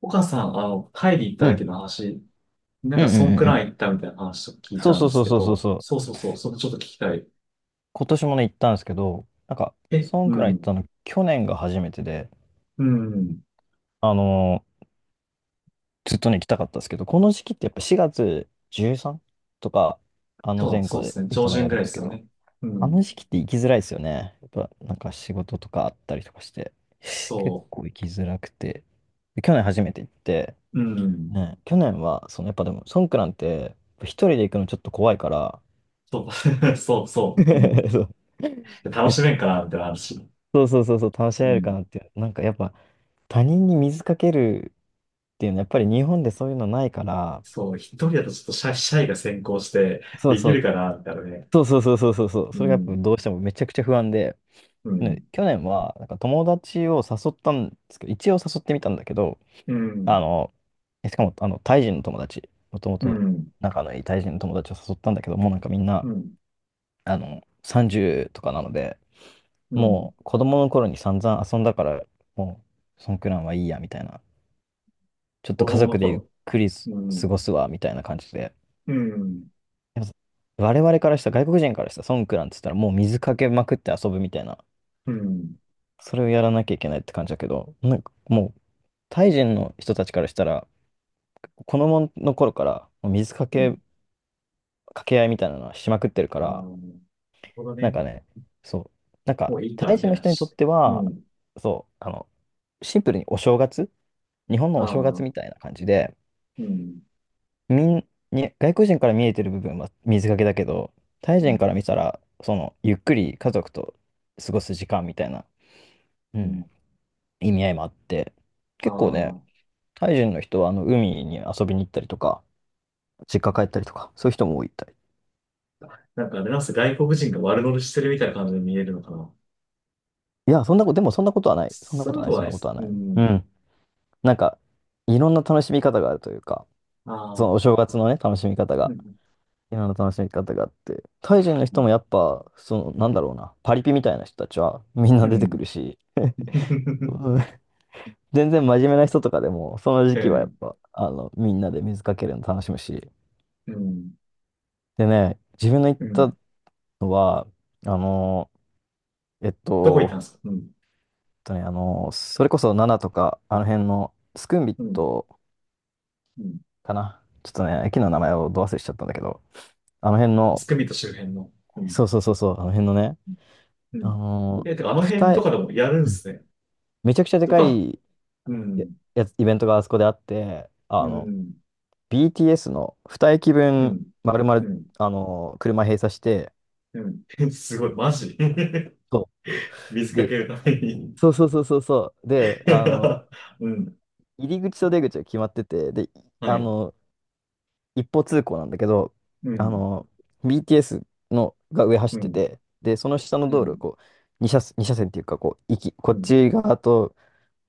岡さん、タイで行ったう時ん。の話、なんうんかうそんんうくんうらん。い行ったみたいな話を聞いそうたんそでうそすうけそうそうど、そう。そうそうそう、それちょっと聞きたい。今年もね、行ったんですけど、なんか、え、そんうくらい行っん、たの、去年が初めてで、うん、あのーずっとね、行きたかったんですけど、この時期ってやっぱ4月 13? とか、あのそう、前そ後うでですね、い上つも旬やぐるらんいでですすけよど、ね。うあのん、時期って行きづらいですよね。やっぱ、なんか仕事とかあったりとかして、結そ構行きづらくて。で去年初めて行って、う、うん、ね、去年は、そのやっぱでも、ソンクランって、一人で行くのちょっと怖いから、そう、そうそう、うん。そう。楽で、しめんかな、みたいな話。そうそうそうそう、楽しうめるかん、なっていう。なんかやっぱ他人に水かけるっていうのはやっぱり日本でそういうのないから、そう、一人だとちょっとシャイが先行して、そうできそるう、かな、みたいなね。そうそうそうそうそうそう、うそれがやっぱん、どうしてもめちゃくちゃ不安で、うねん、去年はなんか友達を誘ったんですけど、一応誘ってみたんだけど、うあん、の、しかもあのタイ人の友達、もともうとん、仲のいいタイ人の友達を誘ったんだけど、もうなんかみんな、うん、30とかなので、うん、もう子供の頃に散々遊んだから、もうそんくらいはいいやみたいな、ちょっと子家供の族でゆっ頃。くりすう過ん、ごすわ、みたいな感じで。うん、でも我々からしたら、外国人からしたら、ソンクランって言ったら、もう水かけまくって遊ぶみたいな、うん。それをやらなきゃいけないって感じだけど、なんかもう、タイ人の人たちからしたら、子供の頃から、もう水かうん。け、かけ合いみたいなのはしまくってるかああ、ら、なるほどなんね。かね、そう、なんもか、ういいか、タイみた人いのな。人にとってうは、ん。そう、シンプルにお正月、日本あのお正月みあ、たいな感じで、うん。に外国人から見えてる部分は水かけだけど、タイう人ん。から見たら、その、ゆっくり家族と過ごす時間みたいな、ううん。ん、意味合いもあって、あ結構ね、あ、タイ人の人はあの海に遊びに行ったりとか、実家帰ったりとか、そういう人も多いみたい。なんかあれなんすか、外国人が悪乗りしてるみたいな感じで見えるのかな。いや、そんなこと、でもそんなことはない。そんなそこういうとこなとい、はそなんいなでことす。はうない。うん。ん。なんか、いろんな楽しみ方があるというか、あそのあ、お正月のね、楽しみ方うがん。今の楽しみ方があって。タイ人のう人ん。もやっぱ、その、なんだろうな、パリピみたいな人たちはみんうな出てくるん。し、うん、全然真面目な人とかでも、その時う期はやっん。ぱ、みんなで水かけるの楽しむし。うん。でね、自分の行っうん。たのは、あの、えっどこ行ったんと、ですか？うん。それこそナナとか、あの辺のスクンビッうん。トうん。かな。ちょっとね、駅の名前をど忘れしちゃったんだけど、あの辺スの、クミット周辺の。うん。そうそうそうそう、あの辺のね、うあん。の、え、てかあの辺二と重、かでもやるんうでん、すね。めちゃくちゃでちょっかと、いうや、ん。やつイベントがあそこであって、うん。BTS のう2駅分、ん。丸々、うん。車閉鎖して、うん。すごい、マジ。そ水う。かで、けるために。そうそうそうそうそう。で、うん。入り口と出口が決まってて、で、はあい。の、一方通行なんだけど、うあん。の、BTS のが上走うってん。て、で、その下のう道路、ん。こう、2車線、二車線っていうか、こう、こうっん。ち側と、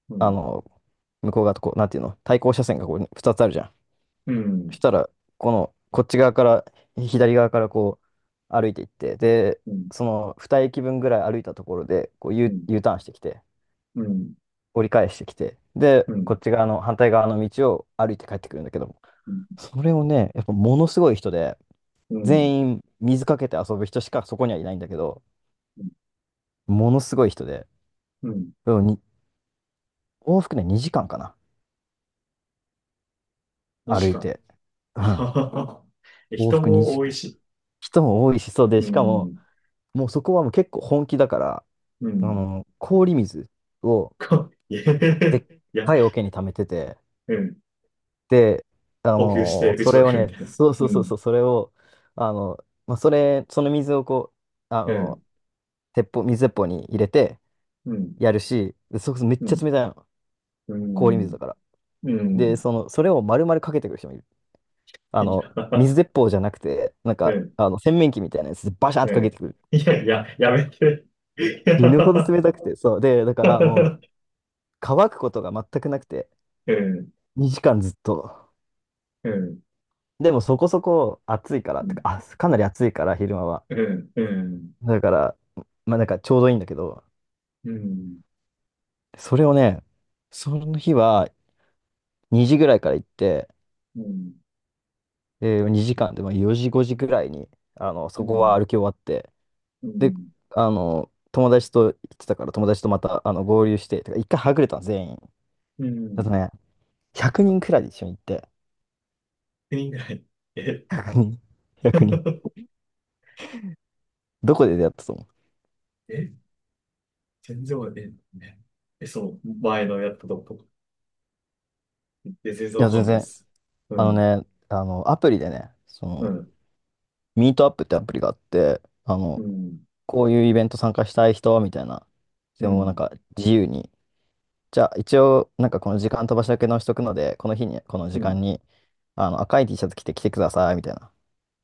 うあん。の、向こう側と、こう、なんていうの、対向車線がこう、2つあるじゃん。うそん。したら、こっち側から、左側からこう、歩いていって、で、うん。その2駅分ぐらい歩いたところで、こう う U、ん。U ターンしてきて、うん。折り返してきて、うで、ん。うこん。っち側の、反対側の道を歩いて帰ってくるんだけども、それをね、やっぱものすごい人で、うん。全員水かけて遊ぶ人しかそこにはいないんだけど、ものすごい人で、うん。でもに往復ね、2時間かな、マジ歩いか。て。うあん、はははえ、往人復も2多時い間。し。人も多いし、そうで、うしかも、ん。もうそこはもう結構本気だから、うん。氷水をか、いや、でいっや、かい桶に溜めてて、うん。で、補給して打そちまれをくるみね、たいな。そうそううそうん。そう、それを、まあ、その水をこう、うん。水鉄砲に入れてうん。やるし、でめっうちゃん。冷たいの。う氷水だん。から。うで、ん。その、それを丸々かけてくる人もいる。いや、水鉄砲じゃなくて、なんうか、ん。洗面器みたいなやつでバシャンってうかけん。てくる。いやいや、やめて。い死ぬほどや。冷たくて、そう。で、だからもう、乾くことが全くなくて、ええ、2時間ずっと。ええ、でもそこそこ暑いから、てか、あ、かなり暑いから、昼間は。ええ、ええ、うん、だから、まあなんかちょうどいいんだけど、うん、それをね、その日は2時ぐらいから行って、2時間でまあ4時5時ぐらいに、うそこん、は歩き終わって、うで、ん、友達と行ってたから、友達とまた合流して、てか一回はぐれたの、全員。うだとん、ね、100人くにんくらいで一緒に行って、人ぐらい。え、100人、100人。どこで出会ったと思う？え、全然わかんない。え、え、そう、前のやったとことか。え、全然いわや、か全んないで然、す。うあのん、ね、アプリでね、そうの、ん、ミートアップってアプリがあって、うん、こういうイベント参加したい人、みたいな。うでもなんん、か自由に。じゃあ一応、なんかこの時間飛ばしだけ直しとくので、この日に、このう時間ん、に、赤い T シャツ着て来てください、みたいな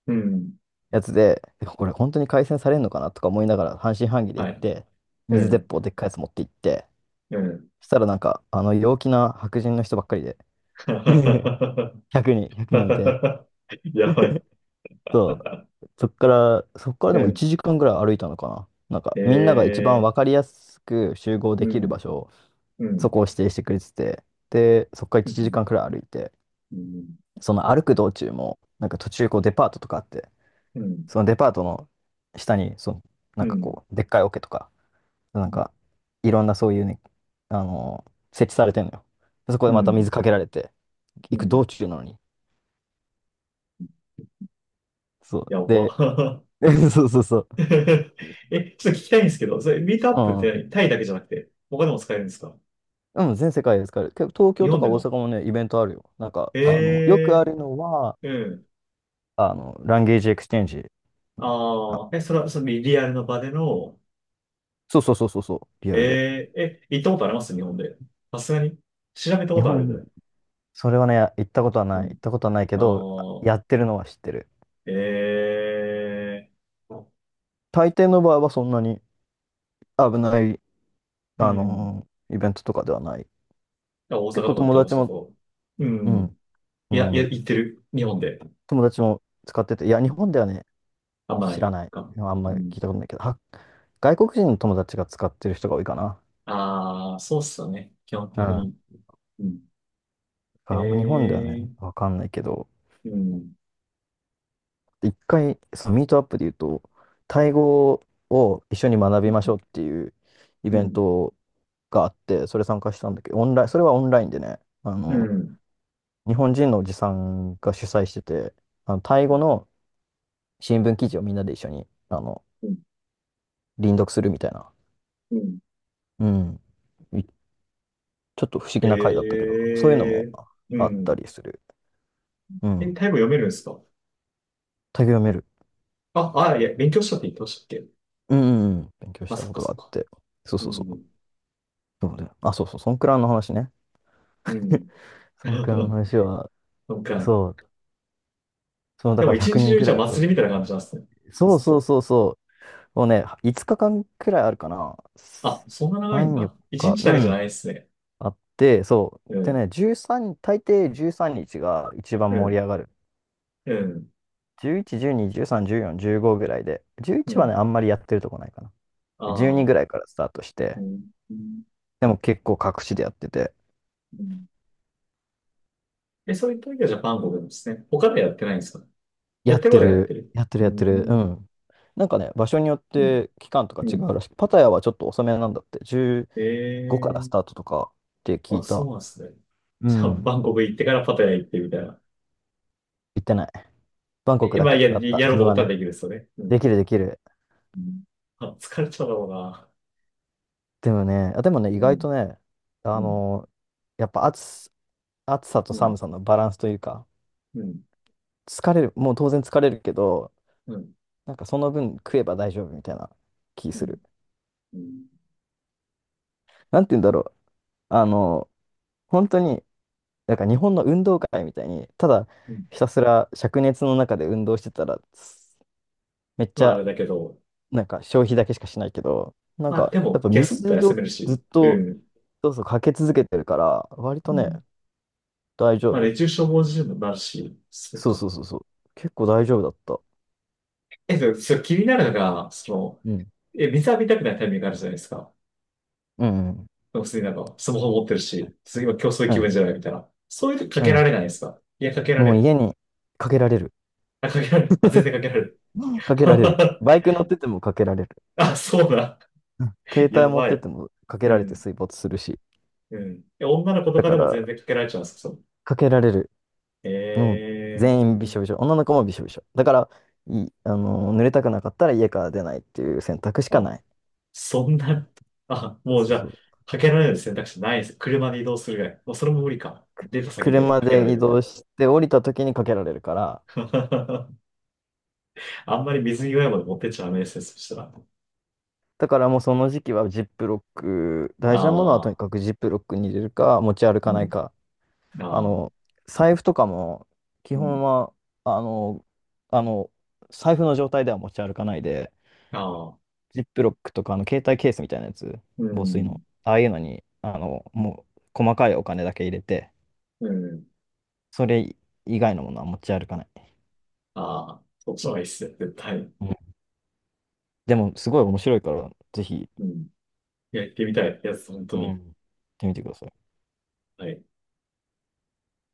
うん、やつで、でもこれ本当に改善されるのかなとか思いながら半信半疑では行っい、て、う水鉄ん、砲でっかいやつ持って行って、うん。そしたらなんか、陽気な白人の人ばっかりで、1人、100人いて やばい。そう。そっからうでもん、1時間ぐらい歩いたのかな。なんか、えみんなが一番え、わかりやすく集合うできるん、場所、うそん、こを指定してくれてて、で、そっからう1時ん、間くらい歩いて、うん、その歩く道中も、なんか途中こうデパートとかあって、うん、そのデパートの下に、その、なうんかん、こう、でっかい桶とか、なんか、ういろんなそういうね、あの設置されてんのよ。でそこでまたん、水かけられて、う行くん。道中なのに。そう。やで、ば。そうそうそう。え、ちょっと聞きたいんですけど、それ、ミートアッうプってん何、タイだけじゃなくて、他でも使えるんですか？うん、全世界で使える。結構東日京と本かで大阪も。もね、イベントあるよ。なんか、えよくあえるのは、ー。うん。ランゲージエクスチェンジ。あ、ああ、え、それは、そのリアルの場での、そうそうそうそうそう、リアルで。ええー、え、行ったことあります日本で。さすがに。調べたこ日とあるぐ本、らい。それはね、行ったことはうない。行っん。たことはないけあど、あ、あ、やってるのは知ってる。ええー。大抵の場合はそんなに危ない、うん。イベントとかではない。あ、大阪と結構かだった友ら、達そも、こ。ううん。ん、ういや、いや、ん、行ってる。日本で。友達も使ってて、いや、日本ではね、あんまな知いらない。か。あんうまりん。聞いたことないけど、外国人の友達が使ってる人が多いかな。ああ、そうっすよね。基本的に。うん。あんま日本ではね、ええ。わかんないけど、うん、一回、そのミートアップで言うと、タイ語を一緒に学びましょうっていうイうベンん、トがあって、それ参加したんだけど、オンライン、それはオンラインでね、あうの、ん、日本人のおじさんが主催してて、タイ語の新聞記事をみんなで一緒に、あの、うん、輪読するみたいな、うん。うん、ちょっと不思え議な回だったけど、そういうのもえ。うあったん。りする。うえ、ん。タイ語読めるんですか？タイ語読める。あ、あ、いや、勉強したって言ってましたっけ？うん、うんうん、勉強しあ、たそっこかとそがあっっか。て。そうそううそう。ん、そうだよ。あ、そうそう、ソンクラの話ね。う ん。ソンクラの な話は、んか、そう、その、だでかもら一100日人中くにんくじゃらあい祭と、りみたいな感じなんですね。そうずっそうと。そうそう、もうね、5日間くらいあるかな。あ、そんな長いん3、4だ。一日、日うだけじゃないん、ですね。あって、そう。うでん、ね、13、大抵13日が一う番盛りん、上がる。うん、11、12、13、14、15ぐらいで、う11はね、ん。あんまりやってるとこないかな。あ12ぐあ、らいからスタートしうて、ん、うん。でも結構各地でやってて、うん。え、そういった時はジャパン語なんですね。他ではやってないんですか？ややっってるこてとはやってる、る。やってうる、やってる。うん、ん。なんかね、場所によっうん、て期間とかう違ん。うらしい。パタヤはちょっと遅めなんだって。15からえスターえ。トとかって聞あ、いそうた。なんですね。うじゃあ、ん。バンコク行ってからパタヤ行ってみたいな。行ってない。バンコクえ、だまあ、けや、だった。やろ自うと分思はったらね。できるですよね。うん。できるできる。うん。あ、疲れちゃうだろうな。でもね、意う外ん、とね、あうん、のーやっぱ暑さとうん、寒さのバランスというか、うん、疲れる、もう当然疲れるけど、うん、なんかその分食えば大丈夫みたいな気うすん、る。うん。なんて言うんだろう。あのー本当になんか日本の運動会みたいに、ただうん。ひたすら灼熱の中で運動してたら、すめっちまあ、あれゃだけど、なんか消費だけしかしないけど、なんまあ、かでやっも、ぱ休む水と休をめるずっし、うとん、そうそうかけ続けてるから、割とうね、ん。大丈まあ、夫。熱中症防止にもなるし、そうそうそか。うそうそう。結構大丈夫だった。え、でも、それ気になるのが、うん。水浴びたくないタイミングあるじゃないですか。うんうん普通になんか、スマホ持ってるし、次は競争う気ん。分じゃないみたいな。そういう時かうけらん。れないですか？いや、かけられもうる。家にかけられる。あ、かけられる。あ、全然かけられる。かけられる。バイク乗っててもかけられる。あ、そうだ。うん、携や帯持っばててい。もかけうられてん。水没するし。うん。え、女の子とだかかでもら、全然かけられちゃうんですか？そのかけられる。もうええ全員びしょびしょ。女の子もびしょびしょ。だから、い、あのー、濡れたくなかったら家から出ないっていう選択しー。かあ、ない。そんな、あ、もうそじうゃそあ、う。かけられる選択肢ないです。車で移動するぐらい。もうそれも無理か。出た先で車かけられで移るみたい動な。して降りた時にかけられるから、あんまり水際まで持ってっちゃダメですね。そしたら。だからもうその時期はジップロック、あ大事なものはとにあ、かくジップロックに入れるか、持ち歩かうないか。ん。ああの、あ、財布とかも、基う本ん。は、あの、あの、財布の状態では持ち歩かないで、ああ、ジップロックとか、携帯ケースみたいなやつ、う防水ん。の。ああいうのに、もう、細かいお金だけ入れて、うん。それ以外のものは持ち歩かない。ああ、そっちの方がいいっすよ、絶対。うん。でも、すごい面白いから、ぜひ、うん。いや、行ってみたいやつ、本当うん。行に。ってみてください。はい。